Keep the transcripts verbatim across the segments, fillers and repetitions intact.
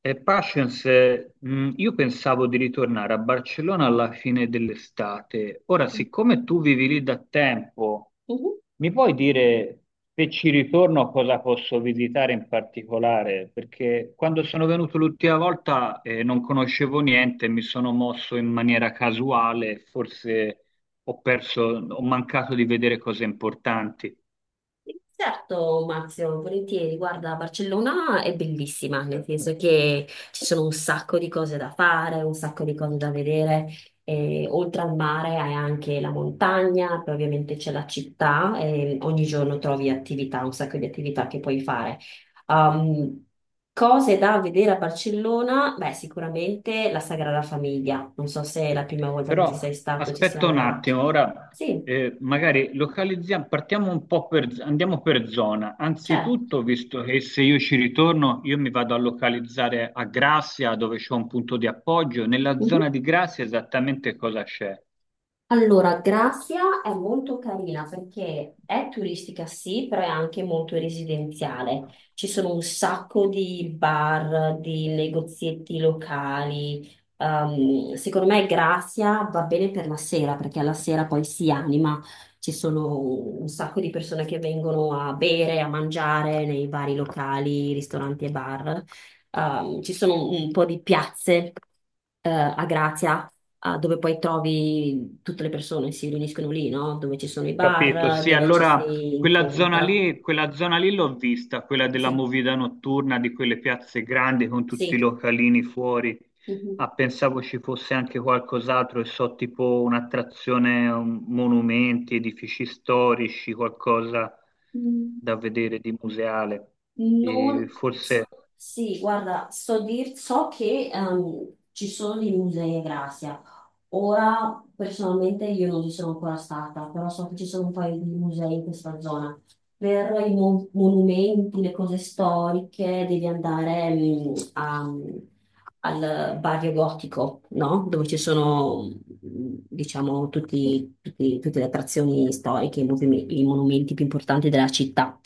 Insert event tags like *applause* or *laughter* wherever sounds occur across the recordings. Eh, Patience, mh, io pensavo di ritornare a Barcellona alla fine dell'estate. Ora, Mhm. siccome tu vivi lì da tempo, mi puoi dire se ci ritorno cosa posso visitare in particolare? Perché quando sono venuto l'ultima volta, eh, non conoscevo niente, mi sono mosso in maniera casuale, forse ho perso, ho mancato di vedere cose importanti. Certo, Marzio, volentieri. Guarda, Barcellona è bellissima, nel senso che ci sono un sacco di cose da fare, un sacco di cose da vedere. E, oltre al mare hai anche la montagna, poi ovviamente c'è la città e ogni giorno trovi attività, un sacco di attività che puoi fare. Um, cose da vedere a Barcellona? Beh, sicuramente la Sagrada Famiglia. Non so se è la prima volta che ci Però sei stato, ci sei aspetta un andato. attimo, ora Sì, eh, magari localizziamo, partiamo un po' per, andiamo per zona. certo. Anzitutto, visto che se io ci ritorno, io mi vado a localizzare a Grazia, dove c'è un punto di appoggio. Nella Mhm. zona di Grazia esattamente cosa c'è? Allora, Grazia è molto carina perché è turistica sì, però è anche molto residenziale. Ci sono un sacco di bar, di negozietti locali. Ehm, secondo me Grazia va bene per la sera perché alla sera poi si anima. Ci sono un sacco di persone che vengono a bere, a mangiare nei vari locali, ristoranti e bar. Ehm, ci sono un po' di piazze, eh, a Grazia ah, dove poi trovi tutte le persone, si riuniscono lì, no? Dove ci sono i Capito, bar, sì, dove ci allora si quella zona incontra. lì, quella zona lì l'ho vista, quella della Sì, movida notturna, di quelle piazze grandi con tutti i sì. localini fuori. Mhm. Ah, pensavo ci fosse anche qualcos'altro, e so, tipo un'attrazione, un- monumenti, edifici storici, qualcosa Mm, da vedere di museale. E non... forse Sì, guarda, so, dir- so che ehm, ci sono dei musei a Gracia. Ora personalmente io non ci sono ancora stata, però so che ci sono un paio di musei in questa zona. Per i mo- monumenti, le cose storiche, devi andare mm, a- al barrio gotico, no? Dove ci sono, mm, diciamo, tutti- tutti- tutte le attrazioni storiche, i movime- i monumenti più importanti della città.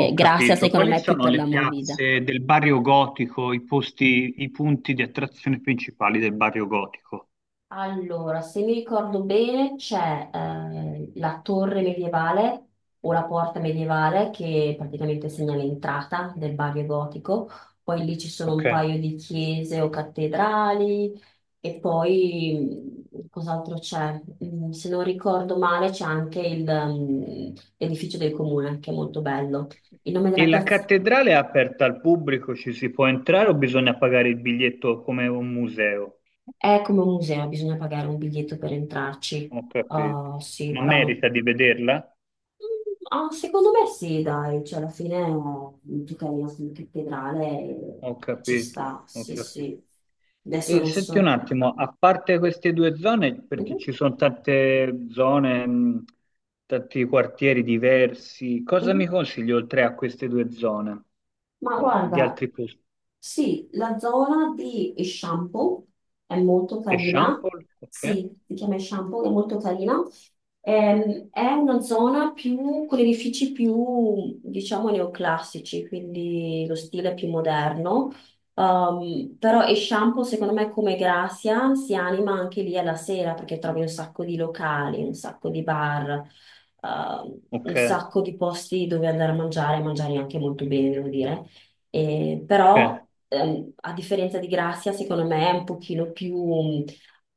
ho grazie, capito. secondo Quali me, più sono per le la movida. piazze del barrio gotico, i posti, i punti di attrazione principali del barrio gotico? Allora, se mi ricordo bene, c'è eh, la torre medievale o la porta medievale che praticamente segna l'entrata del Bavio Gotico, poi lì ci sono Ok. un paio di chiese o cattedrali e poi mh, cos'altro c'è? Mm, Se non ricordo male c'è anche il, mm, l'edificio del comune che è molto bello. Il nome E della la piazza cattedrale è aperta al pubblico, ci si può entrare o bisogna pagare il biglietto come un museo? è come un museo, bisogna pagare un biglietto per entrarci. Ho capito. Ah, sì, Ma però no. merita di vederla? Ah, secondo me sì, dai, cioè alla fine eh, tu cammini in cattedrale e Ho ci capito, sta, ho sì, capito. sì. Adesso E non senti un so. attimo, a parte queste due zone, perché Mhm, ci sono tante zone, mh, tanti quartieri diversi, cosa mhm. mi consigli oltre a queste due zone Ma di, di guarda, altri posti? sì, la zona di shampoo è molto carina, Eixample? Ok, sì, si chiama shampoo, è molto carina. Ehm, è una zona più, con edifici più, diciamo, neoclassici, quindi lo stile più moderno. Ehm, però e shampoo, secondo me, come Grazia, si anima anche lì alla sera perché trovi un sacco di locali, un sacco di bar, ehm, un ok, sacco di posti dove andare a mangiare, e mangiare anche molto bene, devo dire. Eh, ok. però, ehm, a differenza di Grazia, secondo me è un pochino più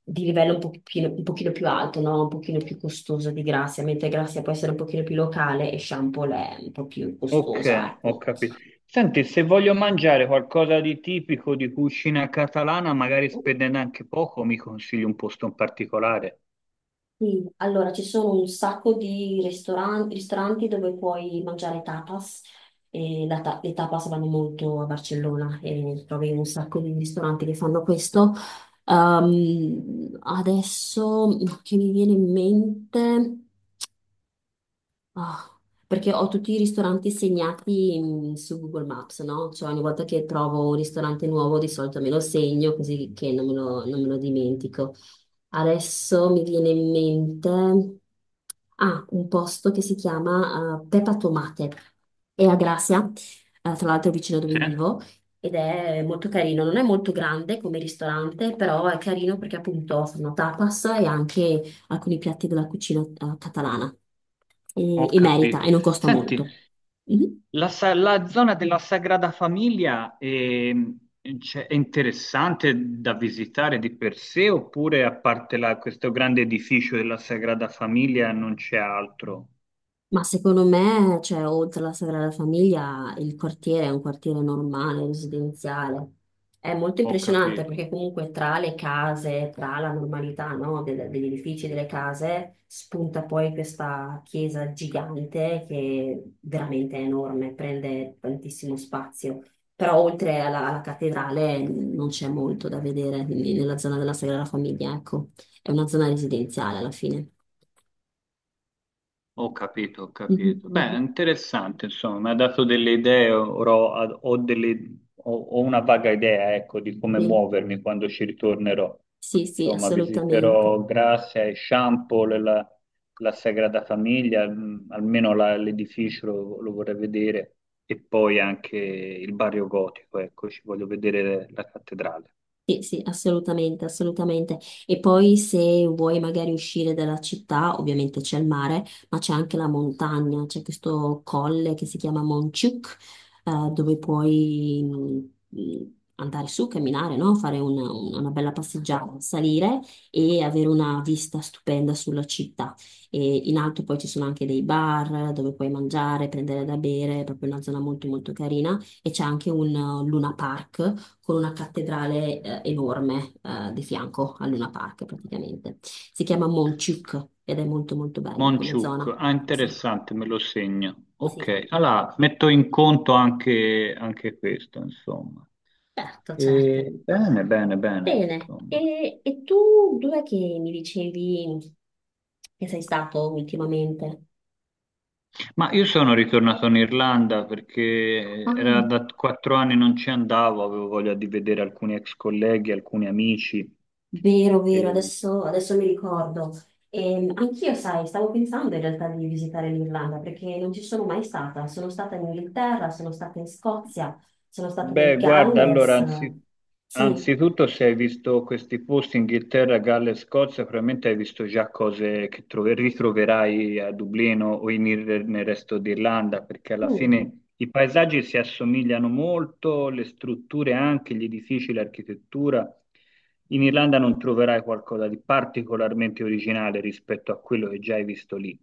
di livello un pochino, un pochino più alto, no? Un pochino più costoso di Grazia, mentre Grazia può essere un pochino più locale e Shampoo è un po' più costosa, Ok, ho ecco. capito. Senti, se voglio mangiare qualcosa di tipico di cucina catalana, magari spendendo anche poco, mi consigli un posto in particolare. Sì, allora ci sono un sacco di ristoran- ristoranti dove puoi mangiare tapas e la ta- le tapas vanno molto a Barcellona e trovi un sacco di ristoranti che fanno questo. Ehm, adesso no, che mi viene in mente. Ah, perché ho tutti i ristoranti segnati mm, su Google Maps, no? Cioè ogni volta che trovo un ristorante nuovo di solito me lo segno così che non me lo, non me lo dimentico. Adesso mi viene in mente ah, un posto che si chiama eh, Peppa Tomate, è a Gracia, eh, tra l'altro vicino dove Sì, vivo, ed è molto carino. Non è molto grande come ristorante, però è carino perché appunto fanno tapas e anche alcuni piatti della cucina eh, catalana e, ho e merita capito. e non costa molto. Senti, Mhm. la, sa- la zona della Sagrada Famiglia ehm, cioè, è, interessante da visitare di per sé, oppure a parte la- questo grande edificio della Sagrada Famiglia non c'è altro? Ma secondo me, cioè, oltre alla Sagrada Famiglia, il quartiere è un quartiere normale, residenziale. È molto Ho impressionante capito. perché comunque tra le case, tra la normalità, no, del- degli edifici, delle case, spunta poi questa chiesa gigante che veramente è enorme, prende tantissimo spazio. Però oltre alla, alla cattedrale non c'è molto da vedere quindi, nella zona della Sagrada Famiglia, ecco. È una zona residenziale alla fine. Ho capito, ho capito. Mhm, Beh, è mhm, interessante, insomma, mi ha dato delle idee, ora ho, ho delle- ho- ho una vaga idea, ecco, di come sì. muovermi quando ci ritornerò. Sì, sì, Insomma, assolutamente. visiterò Grazia e Champol, la, la Sagrada Famiglia, mh, almeno la- l'edificio lo, lo vorrei vedere, e poi anche il barrio gotico, ecco, ci voglio vedere la cattedrale. Sì, sì, assolutamente, assolutamente. E poi se vuoi magari uscire dalla città, ovviamente c'è il mare, ma c'è anche la montagna, c'è questo colle che si chiama Monciuc, eh, dove puoi mh, mh, andare su, camminare, no? Fare una, una bella passeggiata, salire e avere una vista stupenda sulla città. E in alto poi ci sono anche dei bar dove puoi mangiare, prendere da bere, è proprio una zona molto molto carina e c'è anche un eh, Luna Park con una cattedrale eh, enorme eh, di fianco al Luna Park praticamente. Si chiama Monchuk ed è molto molto bella come Monciuc, zona. ah Sì. interessante, me lo segno. Sì, Ok, allora metto in conto anche, anche questo, insomma. certo, certo. E bene, bene, bene, Bene, insomma. e, e tu dov'è che mi dicevi che sei stato ultimamente? Ma io sono ritornato in Irlanda perché era da quattro anni non ci andavo, avevo voglia di vedere alcuni ex colleghi, alcuni amici. Vero, vero, ehm, adesso, adesso mi ricordo. Ehm, anch'io, sai, stavo pensando in realtà di visitare l'Irlanda perché non ci sono mai stata. Sono stata in Inghilterra, sono stata in Scozia, sono stata nel Beh, guarda, allora, Galles. anzi- Sì. anzitutto se hai visto questi posti, Inghilterra, Galles, Scozia, probabilmente hai visto già cose che trove- ritroverai a Dublino o in ir- nel resto d'Irlanda, perché alla Mm. fine i paesaggi si assomigliano molto, le strutture anche, gli edifici, l'architettura. In Irlanda non troverai qualcosa di particolarmente originale rispetto a quello che già hai visto lì.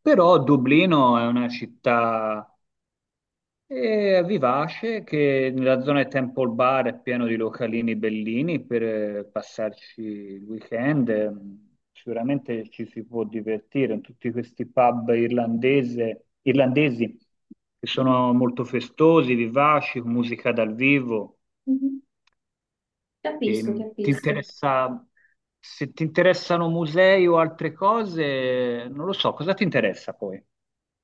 Però Dublino è una città e vivace che nella zona di Temple Bar è pieno di localini bellini per eh, passarci il weekend. Ehm, Sicuramente ci si può divertire in tutti questi pub irlandese- irlandesi che sono *laughs* molto festosi, vivaci, con musica dal vivo. Mhm. Capisco, Ehm, ti capisco. interessa, se ti interessano musei o altre cose, non lo so, cosa ti interessa poi?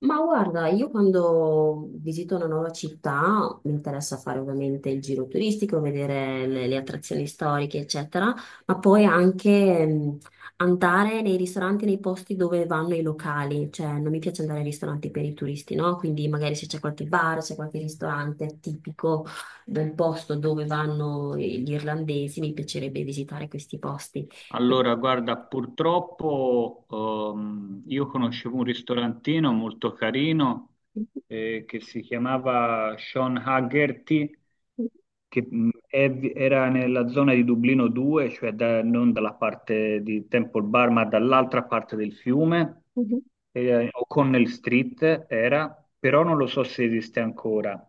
Ma guarda, io quando visito una nuova città mi interessa fare ovviamente il giro turistico, vedere le, le attrazioni storiche, eccetera, ma poi anche mh, andare nei ristoranti, nei posti dove vanno i locali, cioè non mi piace andare ai ristoranti per i turisti, no? Quindi magari se c'è qualche bar, c'è qualche ristorante tipico del posto dove vanno gli irlandesi, mi piacerebbe visitare questi posti. E- Allora, guarda, purtroppo ehm, io conoscevo un ristorantino molto carino eh, che si chiamava Sean Haggerty che mh, è- era nella zona di Dublino due, cioè da- non dalla parte di Temple Bar, ma dall'altra parte del fiume, mhm, eh, O'Connell Street era, però non lo so se esiste ancora.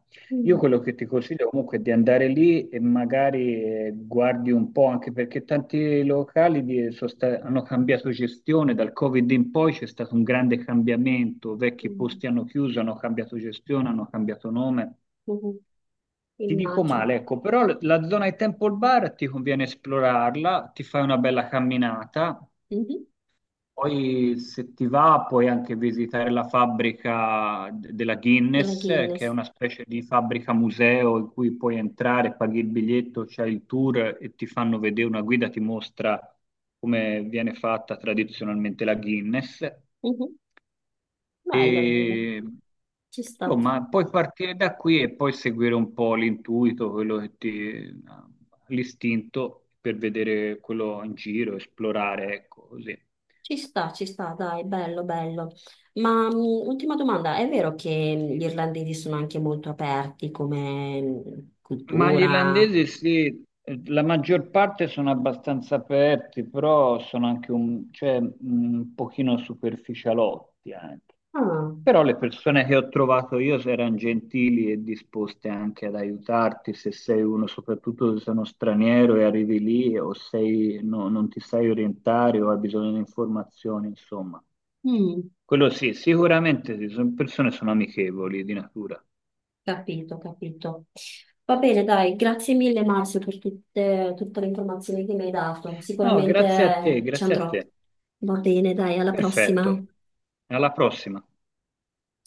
Io mhm, quello che ti consiglio comunque è di andare lì e magari eh, guardi un po', anche perché tanti locali di- sono sta- hanno cambiato gestione, dal Covid in poi c'è stato un grande cambiamento, vecchi mhm, posti hanno chiuso, hanno cambiato gestione, hanno cambiato nome. mhm, Ti dico immagino. male, ecco, però l- la zona di Temple Bar ti conviene esplorarla, ti fai una bella camminata, Mhm. poi se ti va puoi anche visitare la fabbrica d- della Della Guinness, eh, che è Guinness. una specie di fabbrica museo in cui puoi entrare, paghi il biglietto, c'hai il tour e ti fanno vedere, una guida ti mostra come viene fatta tradizionalmente la Guinness. Mhm. Bello, bello. E, Ci sta, insomma, puoi partire da qui e poi seguire un po' l'intuito, quello che ti, l'istinto per vedere quello in giro, esplorare, ecco, così. ci sta, ci sta, dai, bello, bello. Ma mh, ultima domanda, è vero che gli irlandesi sono anche molto aperti come mh, Ma gli cultura? irlandesi sì, eh, la maggior parte sono abbastanza aperti, però sono anche un, cioè, un pochino superficialotti anche. Ah, Però le persone che ho trovato io erano gentili e disposte anche ad aiutarti se sei uno, soprattutto se sei uno straniero e arrivi lì o sei, no- non ti sai orientare o hai bisogno di informazioni, insomma. mm, Quello sì, sicuramente sì, sono persone sono amichevoli di natura. capito, capito. Va bene, dai, grazie mille Marzio per tutte, tutte le informazioni che mi hai dato. No, Sicuramente grazie a te, eh, ci grazie a andrò. te. Va bene, dai, alla Perfetto. prossima. Alla prossima.